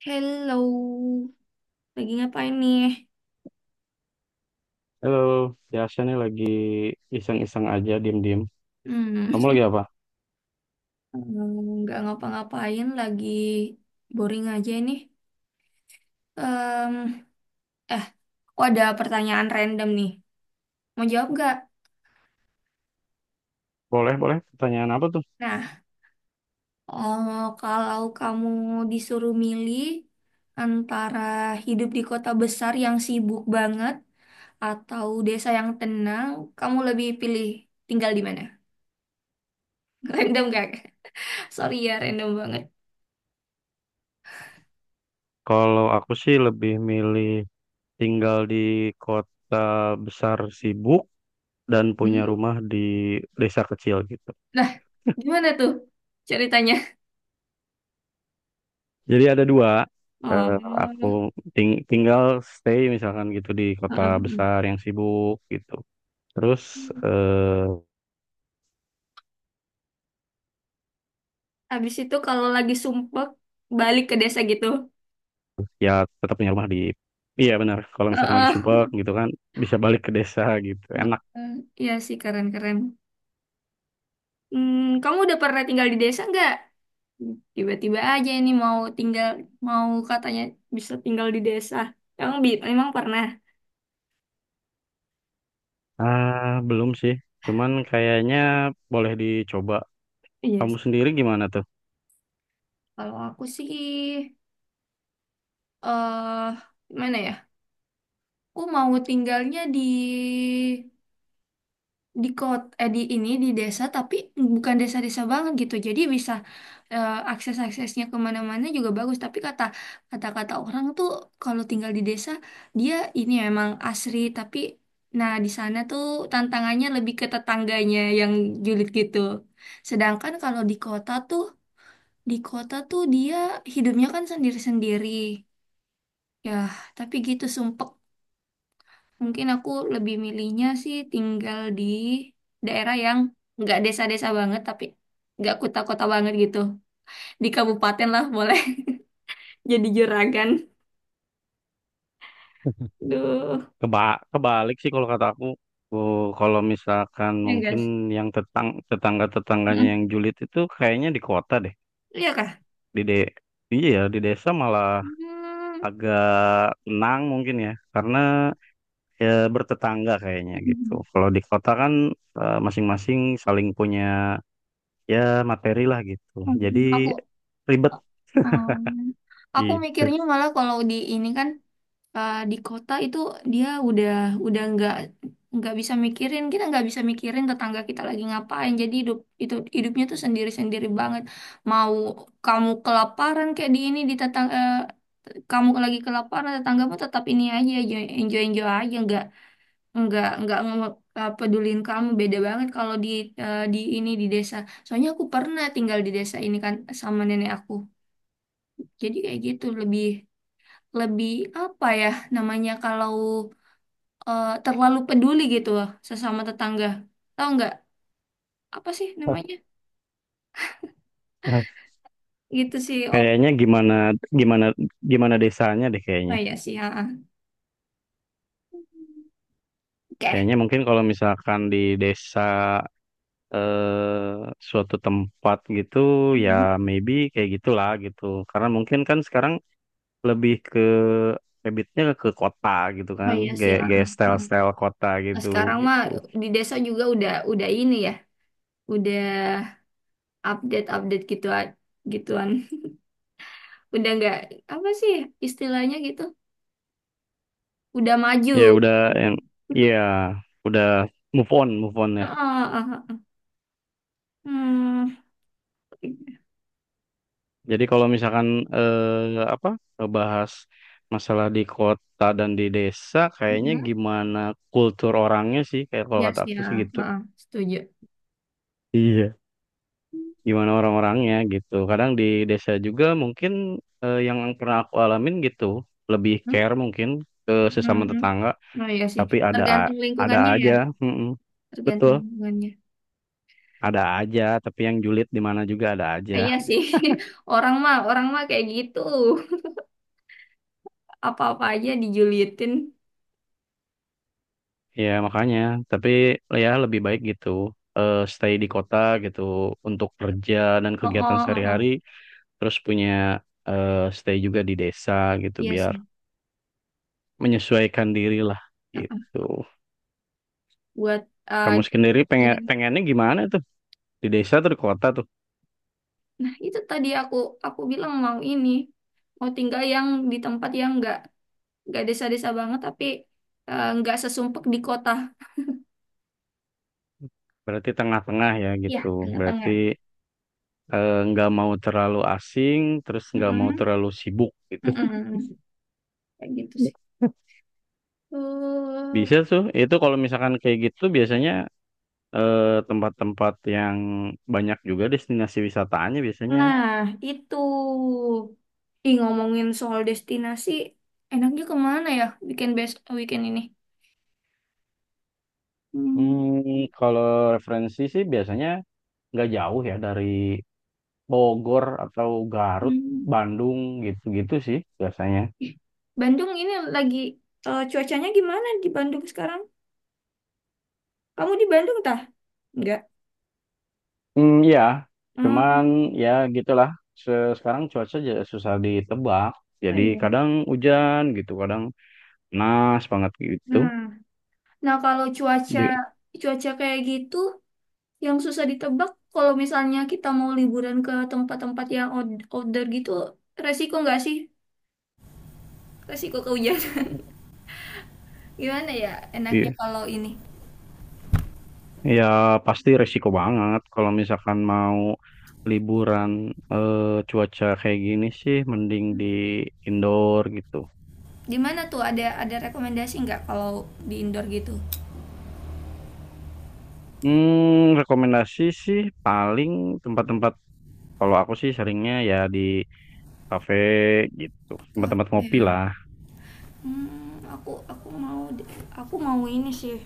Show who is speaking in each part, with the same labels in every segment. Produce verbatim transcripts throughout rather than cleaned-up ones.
Speaker 1: Hello, lagi ngapain nih?
Speaker 2: Halo, biasa nih lagi iseng-iseng aja, diem-diem.
Speaker 1: Hmm.
Speaker 2: Kamu lagi apa?
Speaker 1: hmm, nggak ngapa-ngapain, lagi boring aja nih. Em, eh, aku ada pertanyaan random nih. Mau jawab nggak?
Speaker 2: Boleh, boleh. Pertanyaan apa tuh?
Speaker 1: Nah, oh, kalau kamu disuruh milih antara hidup di kota besar yang sibuk banget atau desa yang tenang, kamu lebih pilih tinggal di mana? Random gak? Sorry ya, random banget.
Speaker 2: Kalau aku sih lebih milih tinggal di kota besar sibuk dan punya
Speaker 1: Hmm.
Speaker 2: rumah di desa kecil gitu.
Speaker 1: Lah, gimana tuh ceritanya?
Speaker 2: Jadi ada dua.
Speaker 1: Oh,
Speaker 2: Eh, aku
Speaker 1: heeh,
Speaker 2: ting- Tinggal stay misalkan gitu di kota
Speaker 1: heeh.
Speaker 2: besar yang sibuk gitu. Terus eh,
Speaker 1: Habis itu kalau lagi sumpek balik ke desa gitu.
Speaker 2: ya tetap punya rumah di iya benar, kalau misalkan lagi
Speaker 1: Heeh.
Speaker 2: sumpek gitu kan bisa balik ke desa gitu. Enak.
Speaker 1: Heeh. Iya sih keren-keren. Hmm, kamu udah pernah tinggal di desa nggak? Tiba-tiba aja ini mau tinggal, mau katanya bisa tinggal di desa. Emang, bi- emang pernah?
Speaker 2: Ah, belum sih. Cuman kayaknya boleh dicoba.
Speaker 1: Iya.
Speaker 2: Kamu sendiri gimana tuh?
Speaker 1: Kalau aku sih, eh gimana ya? Aku mau tinggalnya di di kota, eh, di ini, di desa tapi bukan desa-desa banget gitu jadi bisa, eh, akses-aksesnya kemana-mana juga bagus. Tapi kata kata-kata orang tuh kalau tinggal di desa, dia ini emang asri, tapi nah di sana tuh tantangannya lebih ke tetangganya yang julid gitu. Sedangkan kalau di kota tuh, di kota tuh dia hidupnya kan sendiri-sendiri ya, tapi gitu sumpek. Mungkin aku lebih milihnya sih tinggal di daerah yang nggak desa-desa banget, tapi nggak kota-kota banget gitu. Di kabupaten lah boleh jadi juragan. Duh,
Speaker 2: Keba Kebalik sih kalau kata aku. Oh, kalau misalkan
Speaker 1: ya
Speaker 2: mungkin
Speaker 1: guys.
Speaker 2: yang tetang tetangga-tetangganya
Speaker 1: Mm.
Speaker 2: yang julid itu kayaknya di kota deh.
Speaker 1: Iya kah?
Speaker 2: Di de Iya ya, di desa malah
Speaker 1: Hmm.
Speaker 2: agak tenang mungkin ya. Karena ya bertetangga kayaknya gitu. Kalau di kota kan eh, masing-masing saling punya ya materi lah gitu. Jadi
Speaker 1: Aku,
Speaker 2: ribet
Speaker 1: um, aku
Speaker 2: gitu.
Speaker 1: mikirnya malah kalau di ini kan, eh, di kota itu dia udah udah nggak nggak bisa mikirin, kita nggak bisa mikirin tetangga kita lagi ngapain, jadi hidup itu hidupnya tuh sendiri sendiri banget. Mau kamu kelaparan, kayak di ini, di tetangga kamu lagi kelaparan, tetanggamu tetap ini aja, enjoy enjoy aja nggak nggak nggak nge- eh, pedulin kamu. Beda banget kalau di, eh, di ini, di desa. Soalnya aku pernah tinggal di desa ini kan, sama nenek aku, jadi kayak gitu lebih lebih apa ya namanya kalau, eh, terlalu peduli gitu loh sesama tetangga. Tahu nggak apa sih namanya? Gitu sih. Oh,
Speaker 2: Kayaknya gimana gimana gimana desanya deh
Speaker 1: oh
Speaker 2: kayaknya.
Speaker 1: iya sih. Ah, ah. Oke.
Speaker 2: Kayaknya mungkin kalau misalkan di desa eh, suatu tempat gitu ya
Speaker 1: Mhm.
Speaker 2: maybe kayak gitulah gitu. Karena mungkin kan sekarang lebih ke habitnya ke kota gitu
Speaker 1: Oh
Speaker 2: kan.
Speaker 1: iya sih.
Speaker 2: Kayak
Speaker 1: Ah, ah,
Speaker 2: kayak
Speaker 1: ah.
Speaker 2: style-style kota
Speaker 1: Nah,
Speaker 2: gitu
Speaker 1: sekarang mah
Speaker 2: gitu.
Speaker 1: di desa juga udah udah ini ya, udah update-update gitu gituan. Udah nggak apa sih istilahnya gitu? Udah maju.
Speaker 2: Ya udah yang iya udah move on move on ya.
Speaker 1: Ah, ah, ah. Hmm.
Speaker 2: Jadi kalau misalkan eh, apa bahas masalah di kota dan di desa, kayaknya
Speaker 1: Mhm.
Speaker 2: gimana kultur orangnya sih, kayak kalau
Speaker 1: Iya
Speaker 2: kata
Speaker 1: sih.
Speaker 2: aku
Speaker 1: Ah,
Speaker 2: sih gitu.
Speaker 1: ah, ah. Setuju.
Speaker 2: Iya.
Speaker 1: Hmm.
Speaker 2: Gimana orang-orangnya gitu. Kadang di desa juga mungkin eh, yang pernah aku alamin gitu, lebih care mungkin ke
Speaker 1: Hmm.
Speaker 2: sesama
Speaker 1: Hmm.
Speaker 2: tetangga,
Speaker 1: Oh iya sih,
Speaker 2: tapi ada a-
Speaker 1: tergantung
Speaker 2: ada
Speaker 1: lingkungannya ya.
Speaker 2: aja, mm-mm.
Speaker 1: Tergantung
Speaker 2: Betul,
Speaker 1: hubungannya.
Speaker 2: ada aja, tapi yang julid di mana juga ada
Speaker 1: Ah,
Speaker 2: aja.
Speaker 1: iya sih, orang mah orang mah kayak gitu, apa-apa aja dijulitin.
Speaker 2: Ya makanya, tapi ya lebih baik gitu eh, stay di kota gitu untuk kerja dan
Speaker 1: Oh,
Speaker 2: kegiatan
Speaker 1: oh, oh,
Speaker 2: sehari-hari,
Speaker 1: oh.
Speaker 2: terus punya eh, stay juga di desa gitu
Speaker 1: Iya
Speaker 2: biar
Speaker 1: sih.
Speaker 2: menyesuaikan diri lah
Speaker 1: Ah, ah.
Speaker 2: gitu.
Speaker 1: Buat ah,
Speaker 2: Kamu sendiri pengen pengennya gimana tuh di desa atau di kota tuh?
Speaker 1: nah itu tadi aku aku bilang mau ini mau tinggal yang di tempat yang nggak nggak desa-desa banget tapi, eh, nggak sesumpek di kota.
Speaker 2: Berarti tengah-tengah ya
Speaker 1: Iya,
Speaker 2: gitu. Berarti
Speaker 1: tengah-tengah.
Speaker 2: eh, nggak mau terlalu asing, terus nggak mau
Speaker 1: Mm-mm.
Speaker 2: terlalu sibuk gitu.
Speaker 1: Mm-mm. Kayak gitu sih. Eh,
Speaker 2: Bisa tuh. Itu kalau misalkan kayak gitu biasanya eh, tempat-tempat yang banyak juga destinasi wisatanya biasanya.
Speaker 1: Nah, itu. Ih, ngomongin soal destinasi, enaknya kemana ya weekend best weekend ini? Hmm.
Speaker 2: Hmm, kalau referensi sih biasanya nggak jauh ya dari Bogor atau Garut,
Speaker 1: Hmm.
Speaker 2: Bandung gitu-gitu sih biasanya.
Speaker 1: Ih, Bandung ini lagi, eh, cuacanya gimana di Bandung sekarang? Kamu di Bandung tah? Enggak.
Speaker 2: Hmm, ya,
Speaker 1: Hmm,
Speaker 2: cuman ya gitulah. Se- Sekarang cuaca jadi susah ditebak.
Speaker 1: oh
Speaker 2: Jadi
Speaker 1: iya.
Speaker 2: kadang hujan gitu, kadang panas banget gitu.
Speaker 1: Nah, nah kalau cuaca
Speaker 2: Di-
Speaker 1: cuaca kayak gitu yang susah ditebak, kalau misalnya kita mau liburan ke tempat-tempat yang out- outdoor gitu, resiko nggak sih? Resiko kehujanan. Gimana ya enaknya
Speaker 2: Iya.
Speaker 1: kalau ini?
Speaker 2: Ya pasti resiko banget kalau misalkan mau liburan eh, cuaca kayak gini sih mending di indoor gitu.
Speaker 1: Di mana tuh ada ada rekomendasi nggak kalau di indoor gitu?
Speaker 2: Hmm, rekomendasi sih paling tempat-tempat kalau aku sih seringnya ya di kafe gitu,
Speaker 1: Apa
Speaker 2: tempat-tempat ngopi
Speaker 1: ya?
Speaker 2: lah.
Speaker 1: Hmm, aku aku mau di- aku mau ini sih.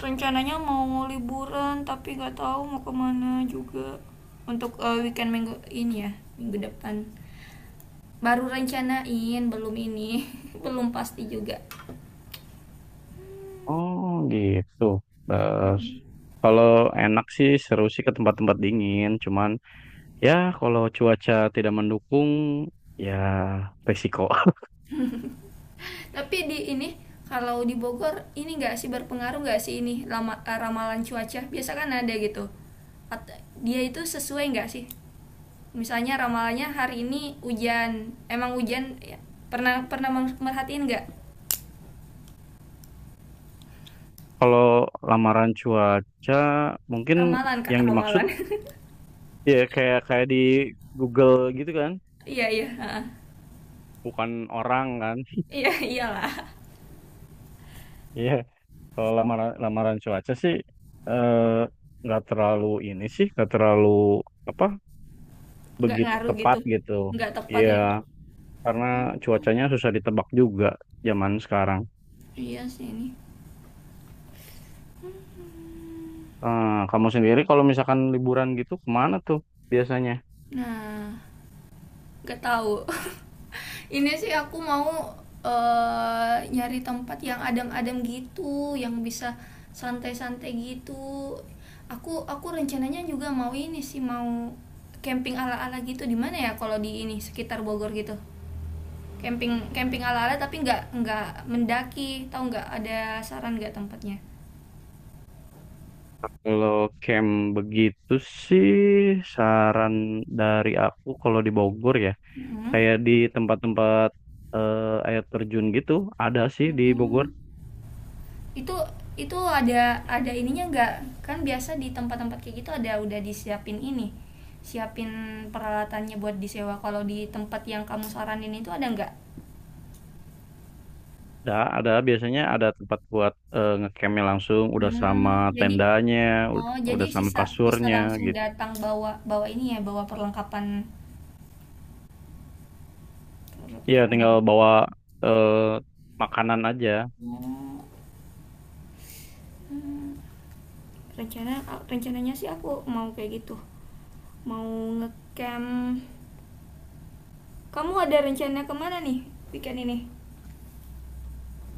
Speaker 1: Rencananya mau liburan tapi nggak tahu mau kemana juga untuk, eh, weekend minggu ini ya minggu depan. Baru rencanain belum ini belum pasti juga.
Speaker 2: Oh gitu. Terus kalau enak sih seru sih ke tempat-tempat dingin, cuman ya kalau cuaca tidak mendukung ya resiko.
Speaker 1: Tapi di ini kalau di Bogor ini nggak sih berpengaruh nggak sih ini lama, eh, ramalan cuaca? Biasa kan ada gitu. At- Dia itu sesuai nggak sih? Misalnya ramalannya hari ini hujan, emang hujan ya. Pernah Pernah mer- merhatiin nggak
Speaker 2: Kalau lamaran cuaca mungkin
Speaker 1: ramalan kak
Speaker 2: yang dimaksud
Speaker 1: ramalan?
Speaker 2: ya kayak kayak di Google gitu kan,
Speaker 1: Iya iya heeh.
Speaker 2: bukan orang kan.
Speaker 1: Iya iyalah
Speaker 2: Iya, kalau lamaran lamaran cuaca sih eh, nggak terlalu ini sih, nggak terlalu apa
Speaker 1: nggak
Speaker 2: begitu
Speaker 1: ngaruh gitu
Speaker 2: tepat gitu.
Speaker 1: nggak tepat ya.
Speaker 2: Iya, karena cuacanya susah ditebak juga zaman sekarang.
Speaker 1: Iya sih ini.
Speaker 2: Eh, kamu sendiri kalau misalkan liburan gitu kemana tuh biasanya?
Speaker 1: Nah gak tahu. Ini sih aku mau, eh, nyari tempat yang adem-adem gitu, yang bisa santai-santai gitu. Aku aku rencananya juga mau ini sih mau camping ala-ala gitu di mana ya kalau di ini sekitar Bogor gitu. Camping Camping ala-ala tapi nggak nggak mendaki, tahu nggak ada saran nggak tempatnya?
Speaker 2: Kalau camp begitu sih saran dari aku kalau di Bogor ya
Speaker 1: Mm.
Speaker 2: kayak di tempat-tempat eh, air terjun gitu ada sih di
Speaker 1: Hmm.
Speaker 2: Bogor.
Speaker 1: itu itu ada ada ininya nggak, kan biasa di tempat-tempat kayak gitu ada udah disiapin ini siapin peralatannya buat disewa, kalau di tempat yang kamu saranin itu ada nggak?
Speaker 2: ada ada biasanya ada tempat buat eh, ngecampnya langsung udah sama
Speaker 1: Hmm, jadi
Speaker 2: tendanya, ud-
Speaker 1: oh jadi
Speaker 2: udah sama
Speaker 1: sisa sisa
Speaker 2: kasurnya
Speaker 1: langsung
Speaker 2: gitu.
Speaker 1: datang bawa bawa ini ya bawa perlengkapan per-
Speaker 2: Iya tinggal
Speaker 1: perlengkapan.
Speaker 2: bawa eh, makanan aja.
Speaker 1: Oh, rencana rencananya sih aku mau kayak gitu mau ngecamp, kamu ada rencana kemana nih weekend ini?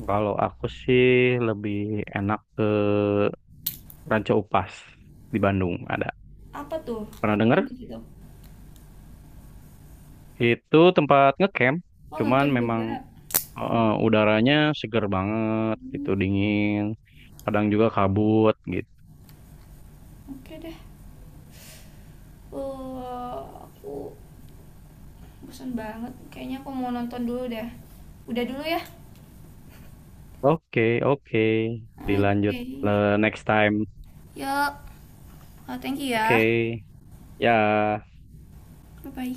Speaker 2: Kalau aku sih lebih enak ke Ranca Upas di Bandung ada.
Speaker 1: Apa tuh?
Speaker 2: Pernah dengar
Speaker 1: Ngapain gitu?
Speaker 2: itu tempat ngecamp,
Speaker 1: Oh
Speaker 2: cuman
Speaker 1: ngecamp
Speaker 2: memang
Speaker 1: juga.
Speaker 2: eh, udaranya seger banget, itu dingin, kadang juga kabut gitu.
Speaker 1: Oke deh. Eh, aku bosan banget. Kayaknya aku mau nonton dulu deh. Udah dulu ya.
Speaker 2: Oke, oke, dilanjut
Speaker 1: Oke.
Speaker 2: eh, next time.
Speaker 1: Yuk. Eh, thank you
Speaker 2: Oke,
Speaker 1: ya.
Speaker 2: ya.
Speaker 1: Bye-bye.